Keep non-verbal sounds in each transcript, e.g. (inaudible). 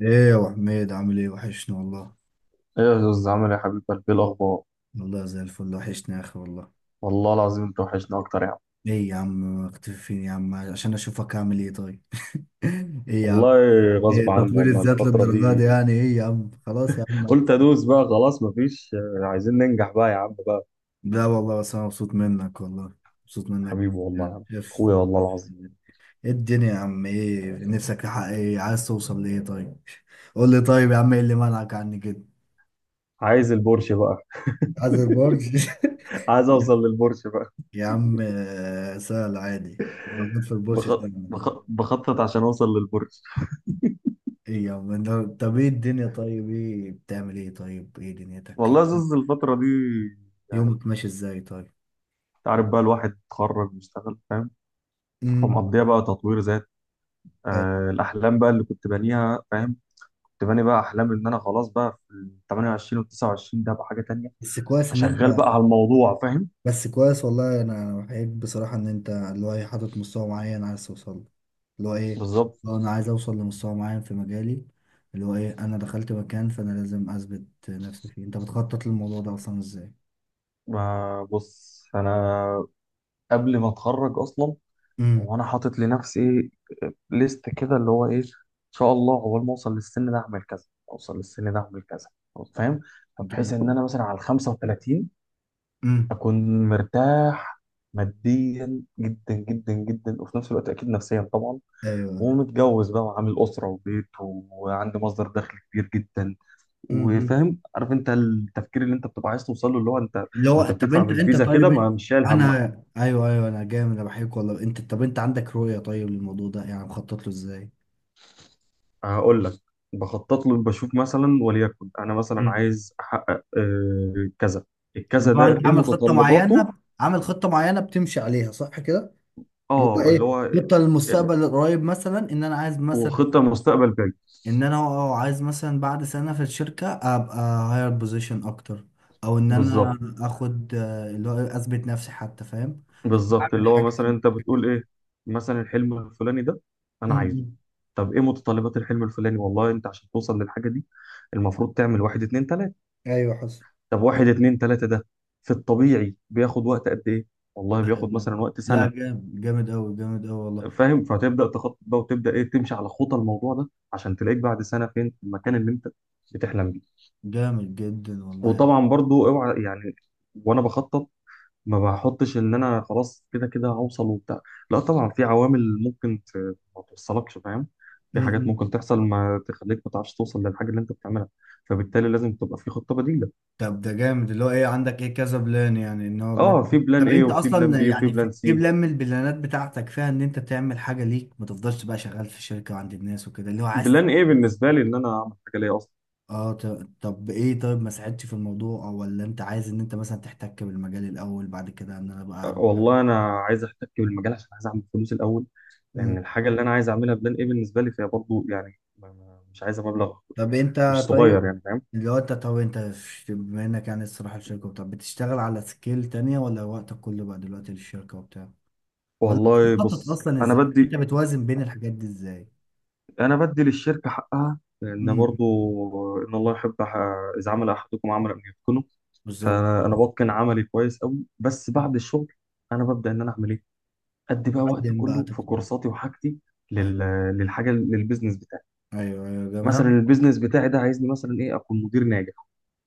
ايه يا ابو حميد، عامل ايه؟ وحشنا والله. ايه يا زوز، عامل ايه يا حبيب قلبي؟ إيه الاخبار؟ والله زي الفل، وحشنا يا اخي والله. والله العظيم انت وحشنا اكتر يا عم. ايه يا عم؟ مختفي فين يا عم؟ عشان اشوفك عامل ايه؟ طيب. (laughs) ايه يا عم؟ والله ايه غصب عني، تطوير والله الذات الفترة للدرجه دي؟ دي يعني ايه يا عم؟ خلاص يا عم. قلت ادوس بقى خلاص، مفيش. عايزين ننجح بقى يا عم بقى. لا والله، بس انا مبسوط منك والله. مبسوط منك جدا حبيبي والله يا يعني، عم شايف؟ اخويا، والله العظيم ايه الدنيا يا عم؟ ايه نفسك تحقق؟ ايه عايز توصل لايه؟ طيب. قول لي طيب يا عم، ايه اللي منعك عني كده؟ عايز البورش بقى، عايز البورش. (laughs) عايز اوصل للبورش بقى. يا عم، سهل عادي، موجود في البورش، بخط... سهل. بخ... بخطط عشان اوصل للبورش. ايه يا عم؟ طب ايه الدنيا؟ طيب ايه بتعمل؟ ايه طيب ايه دنيتك؟ والله يا (laughs) زوز الفترة دي يعني، يومك ماشي ازاي؟ طيب. انت عارف بقى الواحد اتخرج واشتغل، فاهم؟ امم. فمقضيها بقى تطوير ذات. الاحلام بقى اللي كنت بانيها، فاهم؟ كنت باني بقى احلامي ان انا خلاص بقى في ال 28 وال 29، ده بقى حاجه تانية. بس كويس ان انت. فشغال بقى على الموضوع، فاهم؟ بس كويس والله، انا بحييك بصراحة ان انت اللي هو ايه حاطط مستوى معين عايز توصل له. اللي هو ايه، بالظبط. لو انا عايز اوصل لمستوى معين في مجالي، اللي هو ايه، انا دخلت مكان فانا لازم اثبت نفسي فيه. انت بتخطط للموضوع ده اصلا ازاي؟ ما بص، انا قبل ما اتخرج اصلا امم. وانا حاطط لنفسي ايه ليست كده، اللي هو ايه ان شاء الله اول ما اوصل للسن ده اعمل كذا، اوصل للسن ده اعمل كذا، فاهم؟ فبحيث جامد. ان انا مثلا على ال 35 امم. اكون مرتاح ماديا جدا جدا جدا، وفي نفس الوقت اكيد نفسيا طبعا، ايوه. ومتجوز بقى وعامل أسرة وبيت وعنده مصدر دخل كبير جدا. امم. وفاهم عارف انت التفكير اللي انت بتبقى عايز توصل له، اللي هو انت اللي هو وانت طب بتدفع انت بالفيزا كده طيب ما مش شايل انا. همها. ايوه ايوه، انا جامد، انا بحبك والله. انت طب، انت عندك رؤيه طيب للموضوع ده؟ يعني مخطط له ازاي؟ هقول لك، بخطط له بشوف مثلا وليكن انا مثلا مم. عايز احقق كذا. اللي الكذا هو ده انت ايه عامل خطه متطلباته؟ معينه. عامل خطه معينه بتمشي عليها، صح كده؟ اللي هو اه، اللي ايه، هو خطه آه، للمستقبل القريب مثلا، ان انا عايز مثلا، وخطة مستقبل بعيد. ان انا عايز مثلا بعد سنه في الشركه ابقى هاير بوزيشن اكتر، او ان انا بالظبط، اخد اللي هو اثبت نفسي حتى، فاهم؟ اللي هو بالظبط. اللي اعمل هو حاجه مثلا يعني في انت الشركة بتقول دي. ايه، مثلا الحلم الفلاني ده م- انا عايزه. م. طب ايه متطلبات الحلم الفلاني؟ والله انت عشان توصل للحاجه دي المفروض تعمل واحد اتنين تلاته. ايوه حصل. طب واحد اتنين تلاته ده في الطبيعي بياخد وقت قد ايه؟ والله بياخد يعني. مثلا وقت لا، سنه. جامد جامد أوي، جامد أوي والله. فاهم؟ فتبدا تخطط بقى وتبدا ايه، تمشي على خطى الموضوع ده عشان تلاقيك بعد سنه فين في المكان اللي انت بتحلم بيه. جامد جدا والله يعني. وطبعا برضو اوعى يعني، وانا بخطط ما بحطش ان انا خلاص كده كده هوصل وبتاع، لا طبعا في عوامل ممكن ما توصلكش، فاهم؟ في حاجات م-م. ممكن تحصل ما تخليك ما تعرفش توصل للحاجه اللي انت بتعملها، فبالتالي لازم تبقى في خطه بديله. طب ده جامد، اللي هو ايه، عندك ايه كذا بلان يعني، ان هو بلان. اه في بلان طب ايه انت وفي بلان اصلا بي وفي يعني، بلان في سي. بلان من البلانات بتاعتك فيها ان انت تعمل حاجة ليك، ما تفضلش بقى شغال في شركة وعند الناس وكده، اللي هو عايز. بلان ايه بالنسبه لي ان انا اعمل حاجه ليا اصلا. اه، طب ايه طيب، ما ساعدتش في الموضوع، او ولا انت عايز ان انت مثلا تحتك بالمجال الاول بعد كده ان انا بقى. والله انا عايز احتك بالمجال عشان عايز اعمل فلوس الاول، مم. لان الحاجه اللي انا عايز اعملها بلان ايه بالنسبه لي، فهي برضو يعني مش عايزه مبلغ طب مش انت طيب. صغير يعني، فاهم؟ اللي هو انت طب انت بما انك يعني، الصراحة، الشركة، طب بتشتغل على سكيل تانية، ولا وقتك كله بقى دلوقتي للشركة وبتاع؟ ولا انت والله بتخطط بص، اصلا انا ازاي؟ انت بدي بتوازن بين الحاجات دي ازاي؟ انا بدي للشركه حقها، لان امم. برضو ان الله يحب اذا عمل احدكم عمل ان يتقنه. بالظبط. فانا بتقن عملي كويس قوي، بس بعد الشغل انا ببدا ان انا اعمل ايه، ادي بقى وقت تقدم بقى كله في تكتب. كورساتي وحاجتي لل... ايوه. للحاجه، للبيزنس بتاعي. ايوه ايوه، جميل. مثلا البيزنس بتاعي ده عايزني مثلا ايه، اكون مدير ناجح.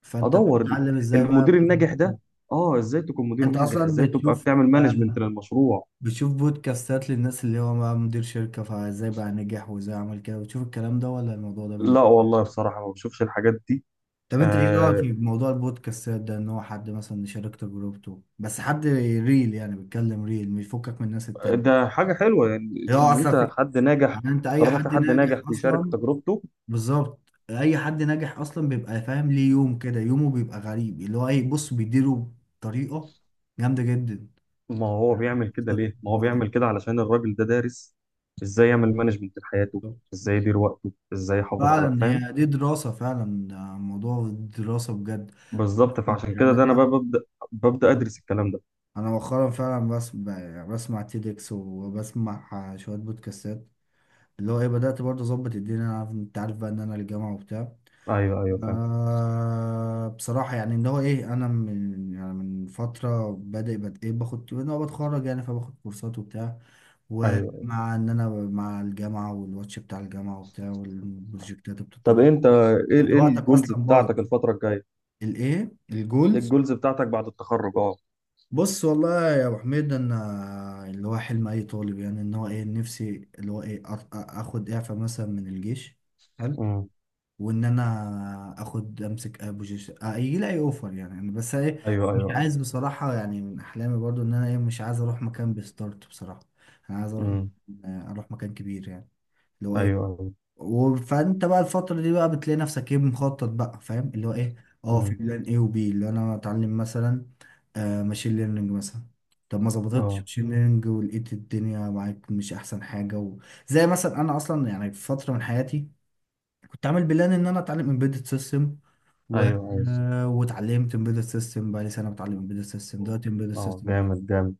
فانت ادور بتتعلم ازاي المدير بقى الناجح ده اه ازاي تكون مدير انت ناجح، اصلا ازاي تبقى بتشوف. بتعمل مانجمنت آه، للمشروع. بتشوف بودكاستات للناس اللي هو بقى مدير شركة، فازاي بقى نجح وازاي عمل كده؟ بتشوف الكلام ده ولا الموضوع ده لا بالنسبة؟ والله بصراحه ما بشوفش الحاجات دي. طب انت ايه رايك آه، في موضوع البودكاستات ده، ان هو حد مثلا يشارك تجربته، بس حد ريل يعني، بيتكلم ريل مش يفكك من الناس التانية؟ ده حاجة حلوة يعني، اللي هو إن اصلا أنت في. حد ناجح يعني انت، اي طالما في حد حد ناجح ناجح بيشارك اصلا. تجربته. بالظبط. اي حد ناجح اصلا بيبقى فاهم ليه يوم كده، يومه بيبقى غريب اللي هو ايه، بص بيديره بطريقه جامده جدا. ما هو بيعمل (laughs) كده ليه؟ ما هو بيعمل كده علشان الراجل ده دارس إزاي يعمل مانجمنت لحياته، بالظبط. إزاي يدير وقته، إزاي يحافظ على، فعلا، فاهم؟ هي دي دراسه فعلا، ده موضوع دراسه بجد. بالظبط، فعشان كده يعني ده أنا أنا. بقى ببدأ، ببدأ أدرس الكلام ده. انا مؤخرا فعلا، بسمع تيدكس وبسمع شويه بودكاستات. اللي هو ايه، بدات برضه اظبط الدنيا، انا عارف انت عارف بقى ان انا الجامعه وبتاع. أيوه أيوه فاهم. بصراحه يعني، اللي هو ايه، انا من يعني من فتره بادئ ايه باخد ان هو بتخرج يعني، فباخد كورسات وبتاع. أيوه أيوه. ومع ان انا مع الجامعه والواتش بتاع الجامعه وبتاع والبروجكتات طب بتطور. أنت إيه، يعني إيه وقتك الجولز اصلا بايظ. بتاعتك الفترة الجاية؟ الايه إيه الجولز؟ الجولز بتاعتك بعد التخرج؟ أه. بص والله يا ابو حميد، انا اللي هو حلم اي طالب يعني، ان هو ايه، نفسي اللي هو ايه اخد اعفاء مثلا من الجيش. حلو. أمم. وان انا اخد امسك اي بوزيشن يجي لي اي اوفر يعني، أنا بس ايه، أيوه مش أيوه أيوه. عايز بصراحه يعني، من احلامي برضو ان انا ايه، مش عايز اروح مكان بستارت بصراحه. انا عايز أمم. اروح مكان كبير يعني، اللي هو أيوه ايه. أيوه. فانت بقى الفترة دي بقى بتلاقي نفسك ايه، مخطط بقى، فاهم اللي هو ايه. اه، في أمم. بلان ايه وبي، اللي انا اتعلم مثلا، ماشين ليرنينج مثلا. طب ما ظبطتش أه. ماشين ليرنينج ولقيت الدنيا معاك مش احسن حاجة و... زي مثلا، انا اصلا يعني، في فترة من حياتي كنت عامل بلان ان انا اتعلم امبيدد سيستم و... أيوه أيوه. واتعلمت امبيدد سيستم بقى لي سنة بتعلم امبيدد سيستم، دلوقتي امبيدد أه سيستم جامد جامد.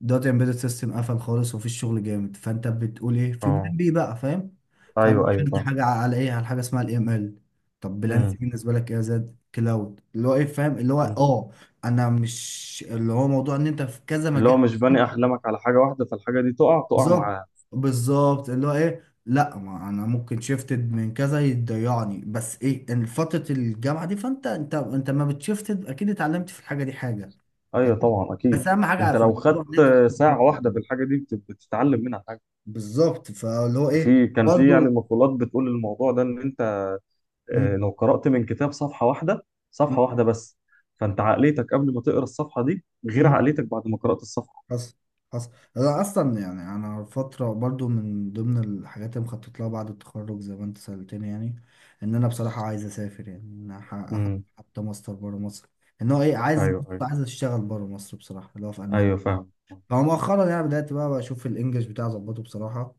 دلوقتي امبيدد سيستم قفل خالص ومفيش شغل جامد، فانت بتقول ايه في بلان أه بي بقى، فاهم. فانا ايوه ايوه دخلت فاهم. حاجه على ايه، على حاجه اسمها الاي ام ال. طب بلان سي امم. بالنسبه لك ايه يا زاد، كلاود، اللي هو ايه، فاهم اللي هو، مم. اه. انا مش اللي هو، موضوع ان انت في كذا اللي مجال. هو مش باني احلامك على حاجه واحده فالحاجه دي تقع، تقع بالظبط. معاها. بالظبط، اللي هو ايه، لا ما انا ممكن شيفتد من كذا يضيعني، بس ايه ان فتره الجامعه دي فانت، انت ما بتشيفتد اكيد، اتعلمت في الحاجه دي حاجه، فاهم. ايوه طبعا بس اكيد. اهم حاجه انت في لو الموضوع ان خدت انت ساعه تتخطط. واحده في الحاجه دي بتتعلم منها حاجه. بالظبط، فاللي هو ايه في كان في يعني برضو. مقولات بتقول الموضوع ده ان انت، مم. لو قرات من كتاب صفحه واحده، صفحه مم. واحده بس، فانت عقليتك قبل ما تقرا الصفحه دي غير مم. عقليتك بعد ما قرات الصفحه. حصل. حصل. انا اصلا يعني، انا فتره برضو من ضمن الحاجات اللي مخطط لها بعد التخرج زي ما انت سالتني يعني، ان انا بصراحه عايز اسافر يعني، ان أنا امم. حتى ماستر بره مصر، ان هو ايه عايز، ايوه ايوه عايز اشتغل بره مصر بصراحه، اللي هو، في المانيا. ايوه فاهم. هو مؤخرا يعني، بدأت بقى بشوف الانجليش بتاعي اظبطه بصراحة.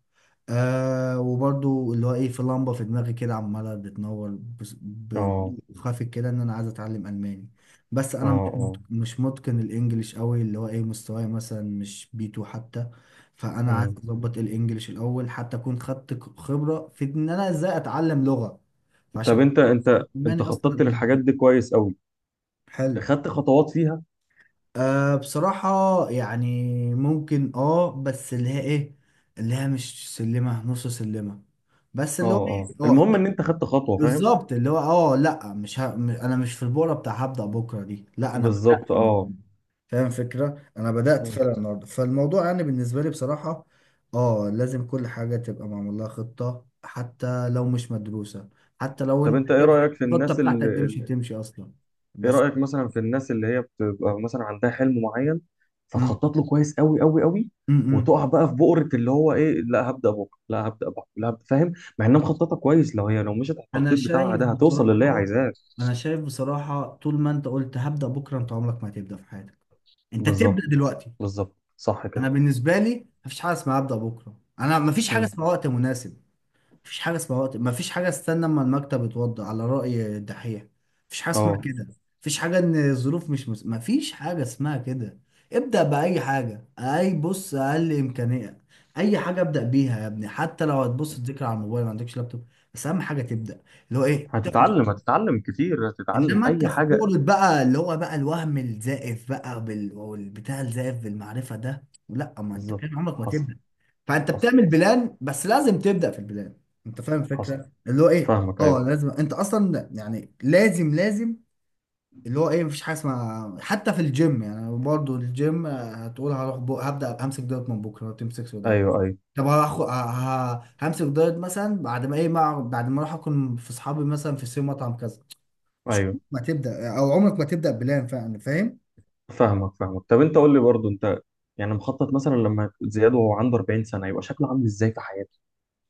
وبرضو اللي هو ايه، في لمبة في دماغي كده عمالة بتنور، اه بضوء خافت كده، ان انا عايز اتعلم الماني. بس اه انا اه. مش متقن الانجليش قوي، اللي هو ايه، مستواي مثلا مش بي 2 حتى. فانا عايز امم. اظبط الانجليش الاول، حتى اكون خدت خبرة في ان انا ازاي اتعلم لغة. طب فعشان انت الماني اصلا أنا خططت للحاجات بحبها. دي كويس قوي، حلو. خدت خطوات فيها. بصراحة. يعني، ممكن، بس اللي هي ايه، اللي هي مش سلمة، نص سلمة. بس اللي هو اه اه ايه، المهم طب، ان انت خدت خطوه، فاهم؟ بالظبط، اللي هو، لا مش انا مش في البورة بتاع هبدأ بكرة دي، لا انا بدأت بالظبط اه. النهاردة. فاهم فكرة؟ انا بدأت مم. فعلا النهاردة، فالموضوع يعني بالنسبة لي بصراحة، اه، لازم كل حاجة تبقى معمول لها خطة، حتى لو مش مدروسة، حتى لو طب انت انت ايه شايف رايك في الخطة الناس بتاعتك دي مش اللي، هتمشي اصلا. ايه بس. رايك مثلا في الناس اللي هي بتبقى مثلا عندها حلم معين م فتخطط له كويس قوي قوي قوي، -م -م. وتقع بقى في بؤره اللي هو ايه لا هبدا بكره، لا هبدا بكره، لا هبدأ. فاهم؟ مع انها مخططه كويس، لو هي لو مشت على انا التخطيط بتاعها شايف ده هتوصل للي هي بصراحه، عايزاه. انا شايف بصراحه، طول ما انت قلت هبدا بكره انت عمرك ما هتبدا في حياتك. انت تبدا بالظبط، دلوقتي. بالظبط صح كده. انا بالنسبه لي، مفيش حاجه اسمها ابدا بكره. انا مفيش حاجه مم. اسمها وقت مناسب، مفيش حاجه اسمها وقت، مفيش حاجه استنى اما المكتب يتوضا على راي الدحيح، مفيش حاجه اسمها اه كده. مفيش حاجه ان الظروف مش مفيش حاجه اسمها كده. ابدا باي حاجه، اي، بص اقل امكانيه، اي حاجه ابدا بيها يا ابني، حتى لو هتبص تذاكر على الموبايل ما عندكش لابتوب. بس اهم حاجه تبدا، اللي هو ايه، هتتعلم، هتتعلم كتير، هتتعلم انما انت اي في حاجه. بورة بقى اللي هو بقى الوهم الزائف بقى والبتاع الزائف بالمعرفه ده، لا، ما انت بالظبط. كان عمرك ما حصل تبدا. فانت حصل بتعمل حصل بلان، بس لازم تبدا في البلان. انت فاهم حصل. الفكره اللي هو ايه؟ فاهمك. اه ايوه لازم انت اصلا يعني، لازم. اللي هو ايه، مفيش حاجه اسمها حتى في الجيم يعني، برضو الجيم هتقول هروح هبدا همسك دايت من بكره، ما تمسكش دايت. ايوه ايوه طب هاخد، همسك دايت مثلا بعد ما ايه بعد ما اروح اكل في اصحابي مثلا في سي مطعم كذا. مش ايوه عمرك ما تبدا، او عمرك ما تبدا بلان فعلا، فاهم؟ فاهمك فاهمك. طب انت قول لي برضو انت يعني مخطط مثلا لما زياد وهو عنده 40 سنه يبقى شكله عامل ازاي في حياته،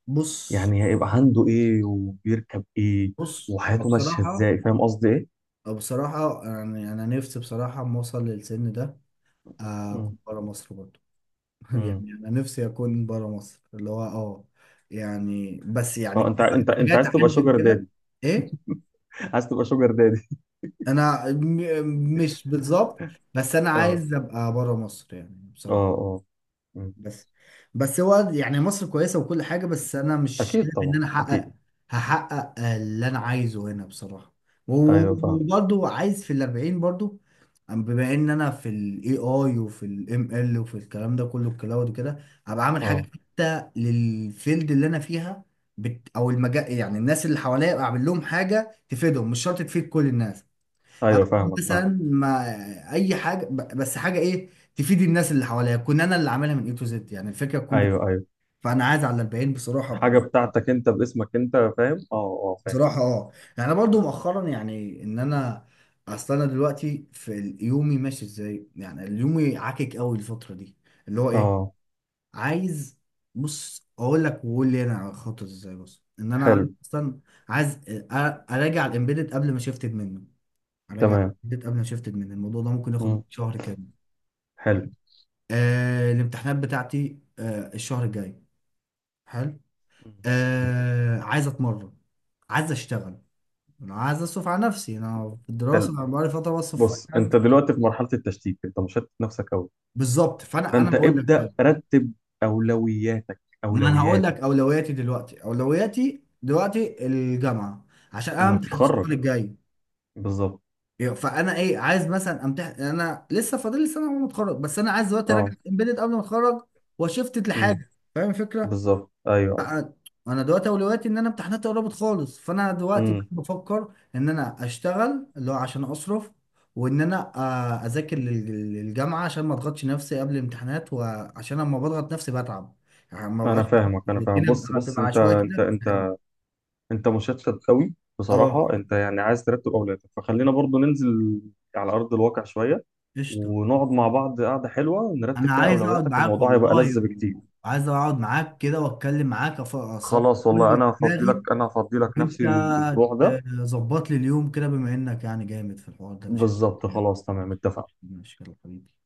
بص يعني هيبقى عنده ايه وبيركب ايه بص أنا وحياته ماشيه بصراحه، ازاي، فاهم قصدي ايه؟ أو بصراحه يعني، انا نفسي بصراحه اما اوصل للسن ده، امم. اكون بره مصر برضه. (laughs) يعني امم. انا نفسي اكون بره مصر، اللي هو، اه، يعني، بس يعني اه انت كمان انت حاجات عايز تبقى عندي شوجر وكده. دادي؟ ايه؟ (laughs) عايز تبقى شوجر دادي؟ انا مش بالظبط. بس انا (laughs) اه عايز ابقى بره مصر يعني اه بصراحه. اه. مم. بس، بس هو يعني، مصر كويسة وكل حاجة، بس أنا مش اكيد شايف إن طبعا أنا اكيد. أحقق، هحقق اللي أنا عايزه هنا بصراحة. ايوه فاهم. وبرضه، عايز في الأربعين برضه، بما إن أنا في ال AI وفي ال ML وفي الكلام ده كله، الكلاود وكده، هبقى عامل حاجة اه. حتى للفيلد اللي أنا فيها. بت، أو المجال يعني، الناس اللي حواليا أبقى أعمل لهم حاجة تفيدهم، مش شرط تفيد كل الناس. ايوه هعمل فاهمك فاهم. مثلا مع، اي حاجه، بس حاجه ايه، تفيد الناس اللي حواليا، كون انا اللي عاملها من اي تو زد يعني، الفكره تكون ايوه ايوه. فانا عايز على البيان بصراحه حاجه بتاعتك انت باسمك انت، فاهم؟ اه اه فاهم. بصراحه، اه. يعني انا برضو مؤخرا يعني ان انا، اصل انا دلوقتي في يومي ماشي ازاي يعني، يومي عاكك قوي الفتره دي، اللي هو ايه، اه. عايز، بص اقول لك، وقول لي انا خطط ازاي، بص ان انا عايز حلو. اصلا، عايز اراجع الامبيدد قبل ما شفتد منه اراجع تمام. الامبيدد قبل ما شفتد منه، الموضوع ده ممكن ياخد مني مم. شهر كامل. حلو. الامتحانات بتاعتي الشهر الجاي. حلو. مم. عايز اتمرن، عايز اشتغل، انا عايز اصرف على نفسي، انا في الدراسه، حلو. انا بقالي فتره بصرف في أي بص حد. انت دلوقتي في مرحله التشتيت، انت مشتت نفسك قوي. بالظبط، فانا فانت انا هقول لك ابدا طيب، رتب اولوياتك، ما انا هقول اولويات لك اولوياتي دلوقتي الجامعه، عشان انا انك امتحان تتخرج. الشهر الجاي. بالظبط. فانا ايه، عايز مثلا امتحن، انا لسه فاضل لي سنه وانا متخرج، بس انا عايز دلوقتي اراجع اه. امبيدد قبل ما اتخرج، وشفت امم. لحاجه، فاهم الفكره؟ بالظبط. ايوه ايوه. انا دلوقتي اولوياتي ان انا امتحاناتي قربت خالص، فانا دلوقتي امم. بفكر ان انا اشتغل اللي هو عشان اصرف، وان انا اذاكر للجامعه عشان ما اضغطش نفسي قبل الامتحانات، وعشان لما بضغط نفسي بتعب، يعني ما بقاش انا فاهمك، انا فاهم. الدنيا بص بتبقى بص، بتبقى انت عشوائي انت كده. انت انت مشتت قوي اه. بصراحه. انت يعني عايز ترتب اولوياتك، فخلينا برضو ننزل على ارض الواقع شويه، قشطه. ونقعد مع بعض قعده حلوه نرتب انا فيها عايز اقعد اولوياتك، معاك الموضوع هيبقى والله، لذ بكتير. وعايز اقعد معاك كده واتكلم معاك، اصفي خلاص كل والله، اللي في انا هفضي لك دماغي. انا هفضي لك وانت نفسي الاسبوع ده. ظبط لي اليوم كده، بما انك يعني جامد في الحوار ده، مش، بالظبط مش، خلاص تمام، اتفقنا. مش- مش- حبيبي.